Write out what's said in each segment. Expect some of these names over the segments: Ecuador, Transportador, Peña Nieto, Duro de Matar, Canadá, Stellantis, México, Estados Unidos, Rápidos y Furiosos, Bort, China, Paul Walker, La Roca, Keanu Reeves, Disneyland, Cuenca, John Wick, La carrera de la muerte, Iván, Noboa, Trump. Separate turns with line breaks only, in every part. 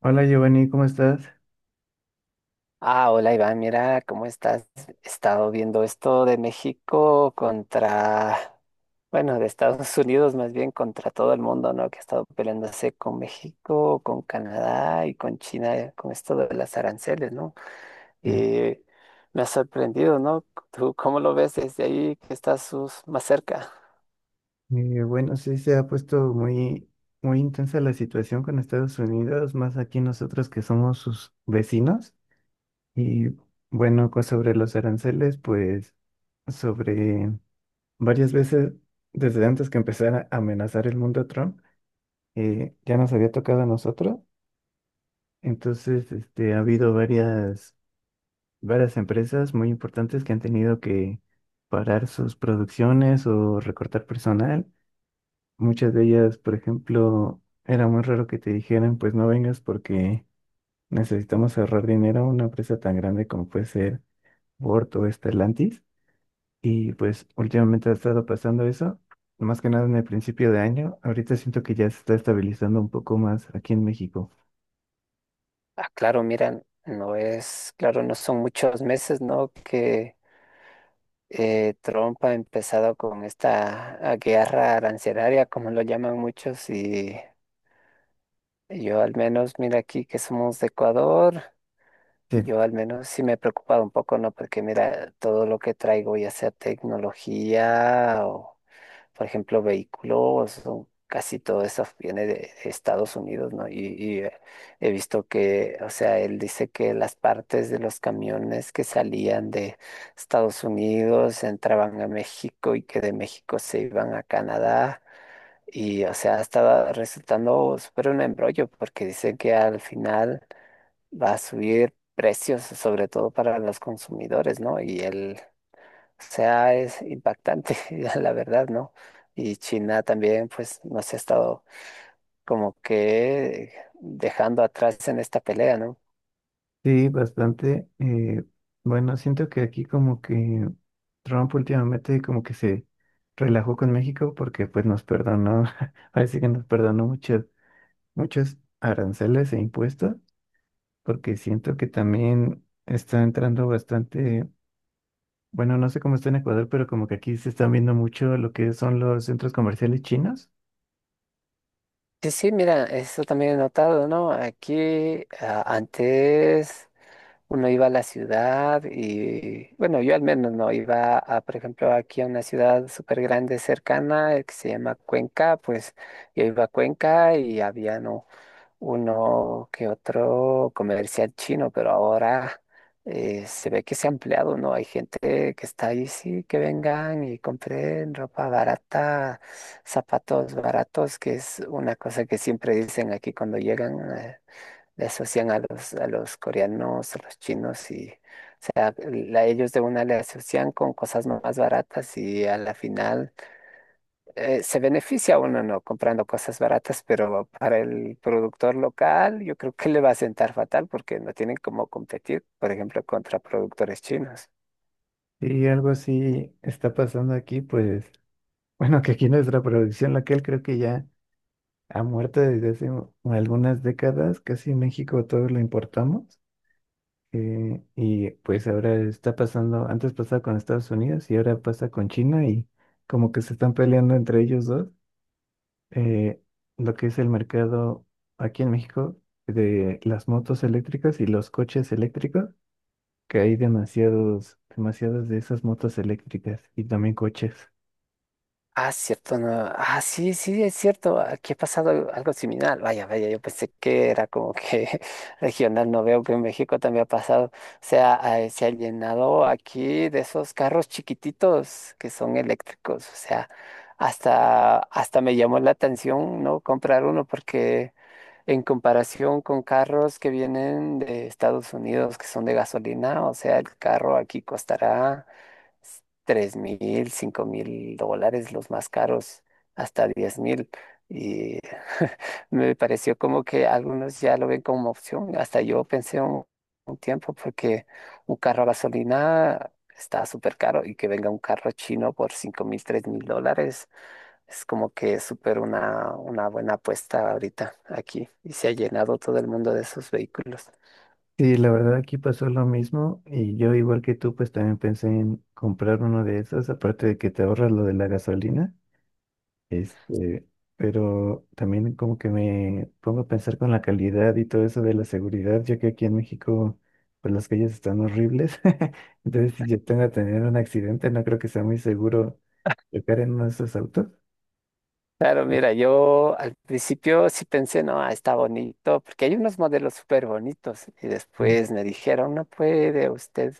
Hola Giovanni, ¿cómo estás?
Ah, hola Iván, mira cómo estás. He estado viendo esto de México contra, bueno, de Estados Unidos más bien contra todo el mundo, ¿no? Que ha estado peleándose con México, con Canadá y con China, con esto de las aranceles, ¿no?
Sí.
Y me ha sorprendido, ¿no? ¿Tú cómo lo ves desde ahí que estás más cerca?
Bueno, sí se ha puesto muy intensa la situación con Estados Unidos, más aquí nosotros que somos sus vecinos. Y bueno, pues sobre los aranceles, pues sobre varias veces desde antes que empezara a amenazar el mundo a Trump, ya nos había tocado a nosotros. Entonces, este, ha habido varias empresas muy importantes que han tenido que parar sus producciones o recortar personal. Muchas de ellas, por ejemplo, era muy raro que te dijeran, pues no vengas porque necesitamos ahorrar dinero a una empresa tan grande como puede ser Bort o Stellantis. Y pues últimamente ha estado pasando eso, más que nada en el principio de año. Ahorita siento que ya se está estabilizando un poco más aquí en México.
Ah, claro, mira, no es, claro, no son muchos meses, ¿no? Que Trump ha empezado con esta guerra arancelaria, como lo llaman muchos, y yo al menos, mira aquí que somos de Ecuador,
Sí,
yo al menos sí me he preocupado un poco, ¿no? Porque mira, todo lo que traigo, ya sea tecnología o por ejemplo, vehículos, o casi todo eso viene de Estados Unidos, ¿no? Y he visto que, o sea, él dice que las partes de los camiones que salían de Estados Unidos entraban a México y que de México se iban a Canadá. Y, o sea, estaba resultando súper un embrollo porque dice que al final va a subir precios, sobre todo para los consumidores, ¿no? Y él sea, es impactante, la verdad, ¿no? Y China también, pues, nos ha estado como que dejando atrás en esta pelea, ¿no?
sí, bastante. Bueno, siento que aquí como que Trump últimamente como que se relajó con México porque pues nos perdonó, parece que nos perdonó muchas muchos aranceles e impuestos, porque siento que también está entrando bastante, bueno, no sé cómo está en Ecuador, pero como que aquí se están viendo mucho lo que son los centros comerciales chinos.
Sí, sí, mira, eso también he notado, ¿no? Aquí antes uno iba a la ciudad y, bueno, yo al menos no iba a, por ejemplo, aquí a una ciudad súper grande cercana que se llama Cuenca, pues yo iba a Cuenca y había, ¿no? Uno que otro comercial chino, pero ahora se ve que se ha ampliado, ¿no? Hay gente que está ahí, sí, que vengan y compren ropa barata, zapatos baratos, que es una cosa que siempre dicen aquí cuando llegan, le asocian a los coreanos, a los chinos y... O sea, ellos de una le asocian con cosas más baratas y a la final se beneficia uno no comprando cosas baratas, pero para el productor local yo creo que le va a sentar fatal porque no tienen cómo competir, por ejemplo, contra productores chinos.
Y algo así está pasando aquí, pues, bueno, que aquí nuestra producción local creo que ya ha muerto desde hace algunas décadas, casi en México todo lo importamos. Y pues ahora está pasando, antes pasaba con Estados Unidos y ahora pasa con China y como que se están peleando entre ellos dos. eh, lo que es el mercado aquí en México de las motos eléctricas y los coches eléctricos, que hay demasiadas de esas motos eléctricas y también coches.
Ah, cierto, no. Ah, sí, sí, es cierto. Aquí ha pasado algo similar. Vaya, vaya, yo pensé que era como que regional. No veo que en México también ha pasado. O sea, ah, se ha llenado aquí de esos carros chiquititos que son eléctricos. O sea, hasta me llamó la atención no comprar uno porque en comparación con carros que vienen de Estados Unidos, que son de gasolina, o sea, el carro aquí costará tres mil, cinco mil dólares, los más caros, hasta diez mil. Y me pareció como que algunos ya lo ven como opción. Hasta yo pensé un tiempo, porque un carro a gasolina está súper caro y que venga un carro chino por cinco mil, tres mil dólares. Es como que es súper una buena apuesta ahorita aquí y se ha llenado todo el mundo de esos vehículos.
Sí, la verdad aquí pasó lo mismo y yo igual que tú pues también pensé en comprar uno de esos, aparte de que te ahorras lo de la gasolina. Este, pero también como que me pongo a pensar con la calidad y todo eso de la seguridad, ya que aquí en México, pues las calles están horribles. Entonces, si yo tengo a tener un accidente, no creo que sea muy seguro chocar en uno de esos autos.
Claro, mira, yo al principio sí pensé, no, ah, está bonito, porque hay unos modelos súper bonitos y
Mm.
después me dijeron, no puede usted.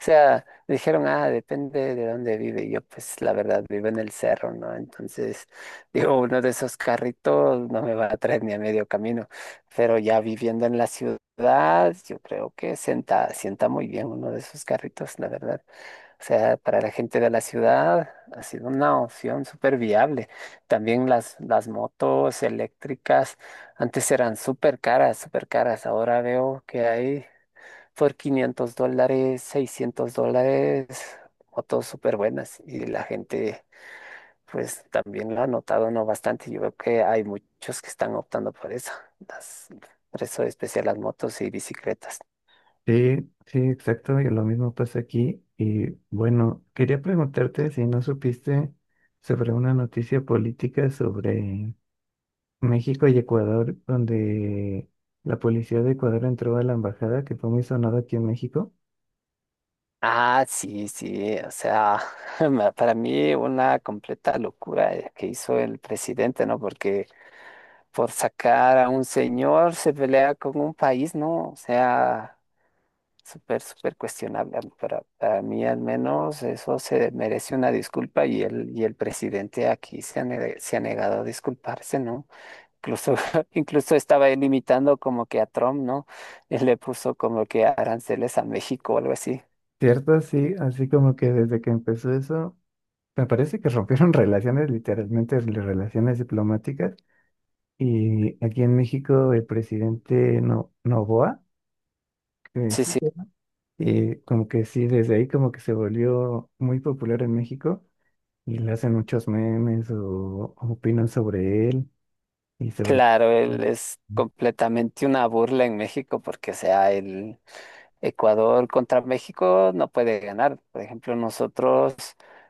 O sea, dijeron, ah, depende de dónde vive. Y yo, pues, la verdad, vivo en el cerro, ¿no? Entonces, digo, uno de esos carritos no me va a traer ni a medio camino. Pero ya viviendo en la ciudad, yo creo que sienta muy bien uno de esos carritos, la verdad. O sea, para la gente de la ciudad ha sido una opción súper viable. También las motos eléctricas, antes eran súper caras, súper caras. Ahora veo que hay por 500 dólares, 600 dólares, motos súper buenas y la gente pues también lo ha notado, ¿no? Bastante. Yo veo que hay muchos que están optando por eso, las, por eso especial las motos y bicicletas.
Sí, sí, exacto. Y lo mismo pasa aquí. Y bueno, quería preguntarte si no supiste sobre una noticia política sobre México y Ecuador, donde la policía de Ecuador entró a la embajada, que fue muy sonada aquí en México.
Ah, sí, sí, o sea, para mí una completa locura que hizo el presidente, ¿no? Porque por sacar a un señor se pelea con un país, ¿no? O sea... súper, súper cuestionable. Para mí al menos eso se merece una disculpa y el presidente aquí se se ha negado a disculparse, ¿no? Incluso, incluso estaba él imitando como que a Trump, ¿no? Él le puso como que aranceles a México o algo así.
¿Cierto? Sí, así como que desde que empezó eso, me parece que rompieron relaciones, literalmente las relaciones diplomáticas. Y aquí en México el presidente No Noboa, que
Sí,
sí,
sí,
y como que sí, desde ahí como que se volvió muy popular en México y le hacen muchos memes o opinan sobre él y sobre...
claro, él es completamente una burla en México porque, o sea, él... Ecuador contra México no puede ganar. Por ejemplo, nosotros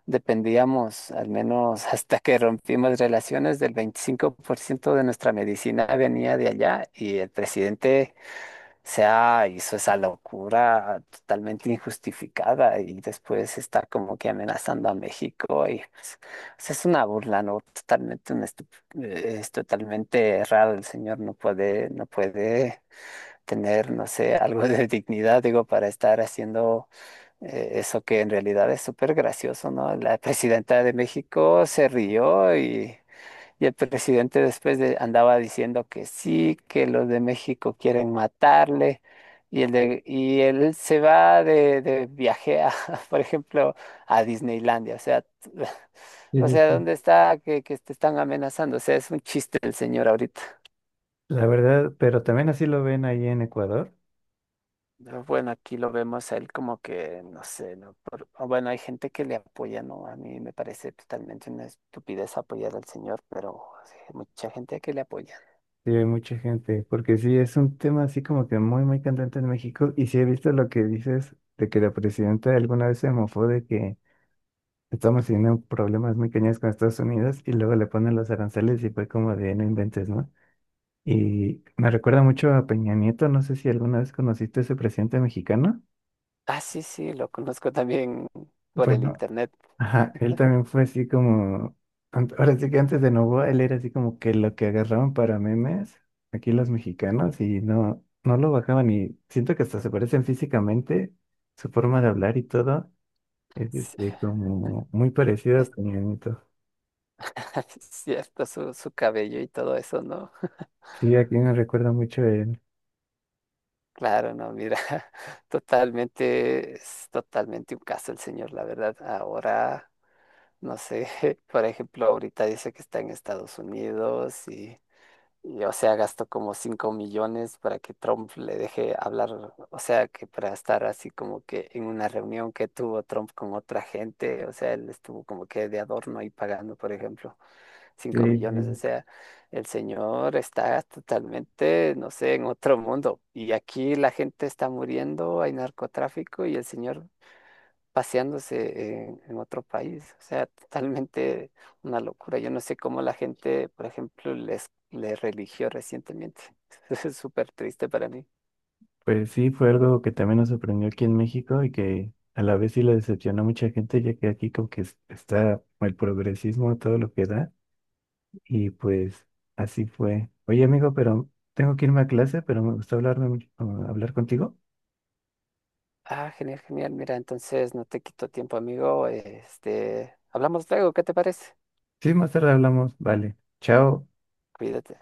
dependíamos, al menos hasta que rompimos relaciones, del 25% de nuestra medicina venía de allá y el presidente hizo esa locura totalmente injustificada y después está como que amenazando a México y pues, pues, es una burla, ¿no? Totalmente, es totalmente errado. El señor no puede, no puede tener, no sé, algo de dignidad, digo, para estar haciendo eso que en realidad es súper gracioso, ¿no? La presidenta de México se rió y el presidente andaba diciendo que sí, que los de México quieren matarle. Y, y él se va de viaje por ejemplo, a Disneylandia. O sea,
Sí,
o
sí,
sea,
sí.
¿dónde está que te están amenazando? O sea, es un chiste el señor ahorita.
La verdad, pero también así lo ven ahí en Ecuador.
No, bueno, aquí lo vemos a él como que, no sé, ¿no? O bueno, hay gente que le apoya, ¿no? A mí me parece totalmente una estupidez apoyar al señor, pero sí, hay mucha gente que le apoya.
Sí, hay mucha gente, porque sí, es un tema así como que muy candente en México. Y sí he visto lo que dices de que la presidenta alguna vez se mofó de que estamos teniendo problemas muy cañones con Estados Unidos y luego le ponen los aranceles y fue como de no inventes, ¿no? Y me recuerda mucho a Peña Nieto, no sé si alguna vez conociste a ese presidente mexicano.
Ah, sí, sí, lo conozco también por el
Bueno,
internet.
ajá, él también fue así como, ahora sí que antes de Novoa, él era así como que lo que agarraban para memes, aquí los mexicanos, y no, no lo bajaban y siento que hasta se parecen físicamente, su forma de hablar y todo, es
Sí,
este, como muy parecido a
es-
Peña Nieto.
cierto, su cabello y todo eso, ¿no?
Sí, aquí me recuerda mucho él.
Claro, no, mira, totalmente, es totalmente un caso el señor, la verdad. Ahora, no sé, por ejemplo, ahorita dice que está en Estados Unidos y, o sea, gastó como 5 millones para que Trump le deje hablar, o sea, que para estar así como que en una reunión que tuvo Trump con otra gente, o sea, él estuvo como que de adorno ahí pagando, por ejemplo,
Sí,
cinco millones. O
sí.
sea, el señor está totalmente, no sé, en otro mundo. Y aquí la gente está muriendo, hay narcotráfico y el señor paseándose en otro país. O sea, totalmente una locura. Yo no sé cómo la gente, por ejemplo, les religió recientemente. Es súper triste para mí.
Pues sí, fue algo que también nos sorprendió aquí en México y que a la vez sí lo decepcionó a mucha gente, ya que aquí como que está el progresismo, todo lo que da. Y pues así fue. Oye, amigo, pero tengo que irme a clase, pero me gustó hablarme, hablar contigo.
Ah, genial, genial. Mira, entonces no te quito tiempo, amigo. Este, hablamos luego, ¿qué te parece?
Sí, más tarde hablamos. Vale. Chao.
Cuídate.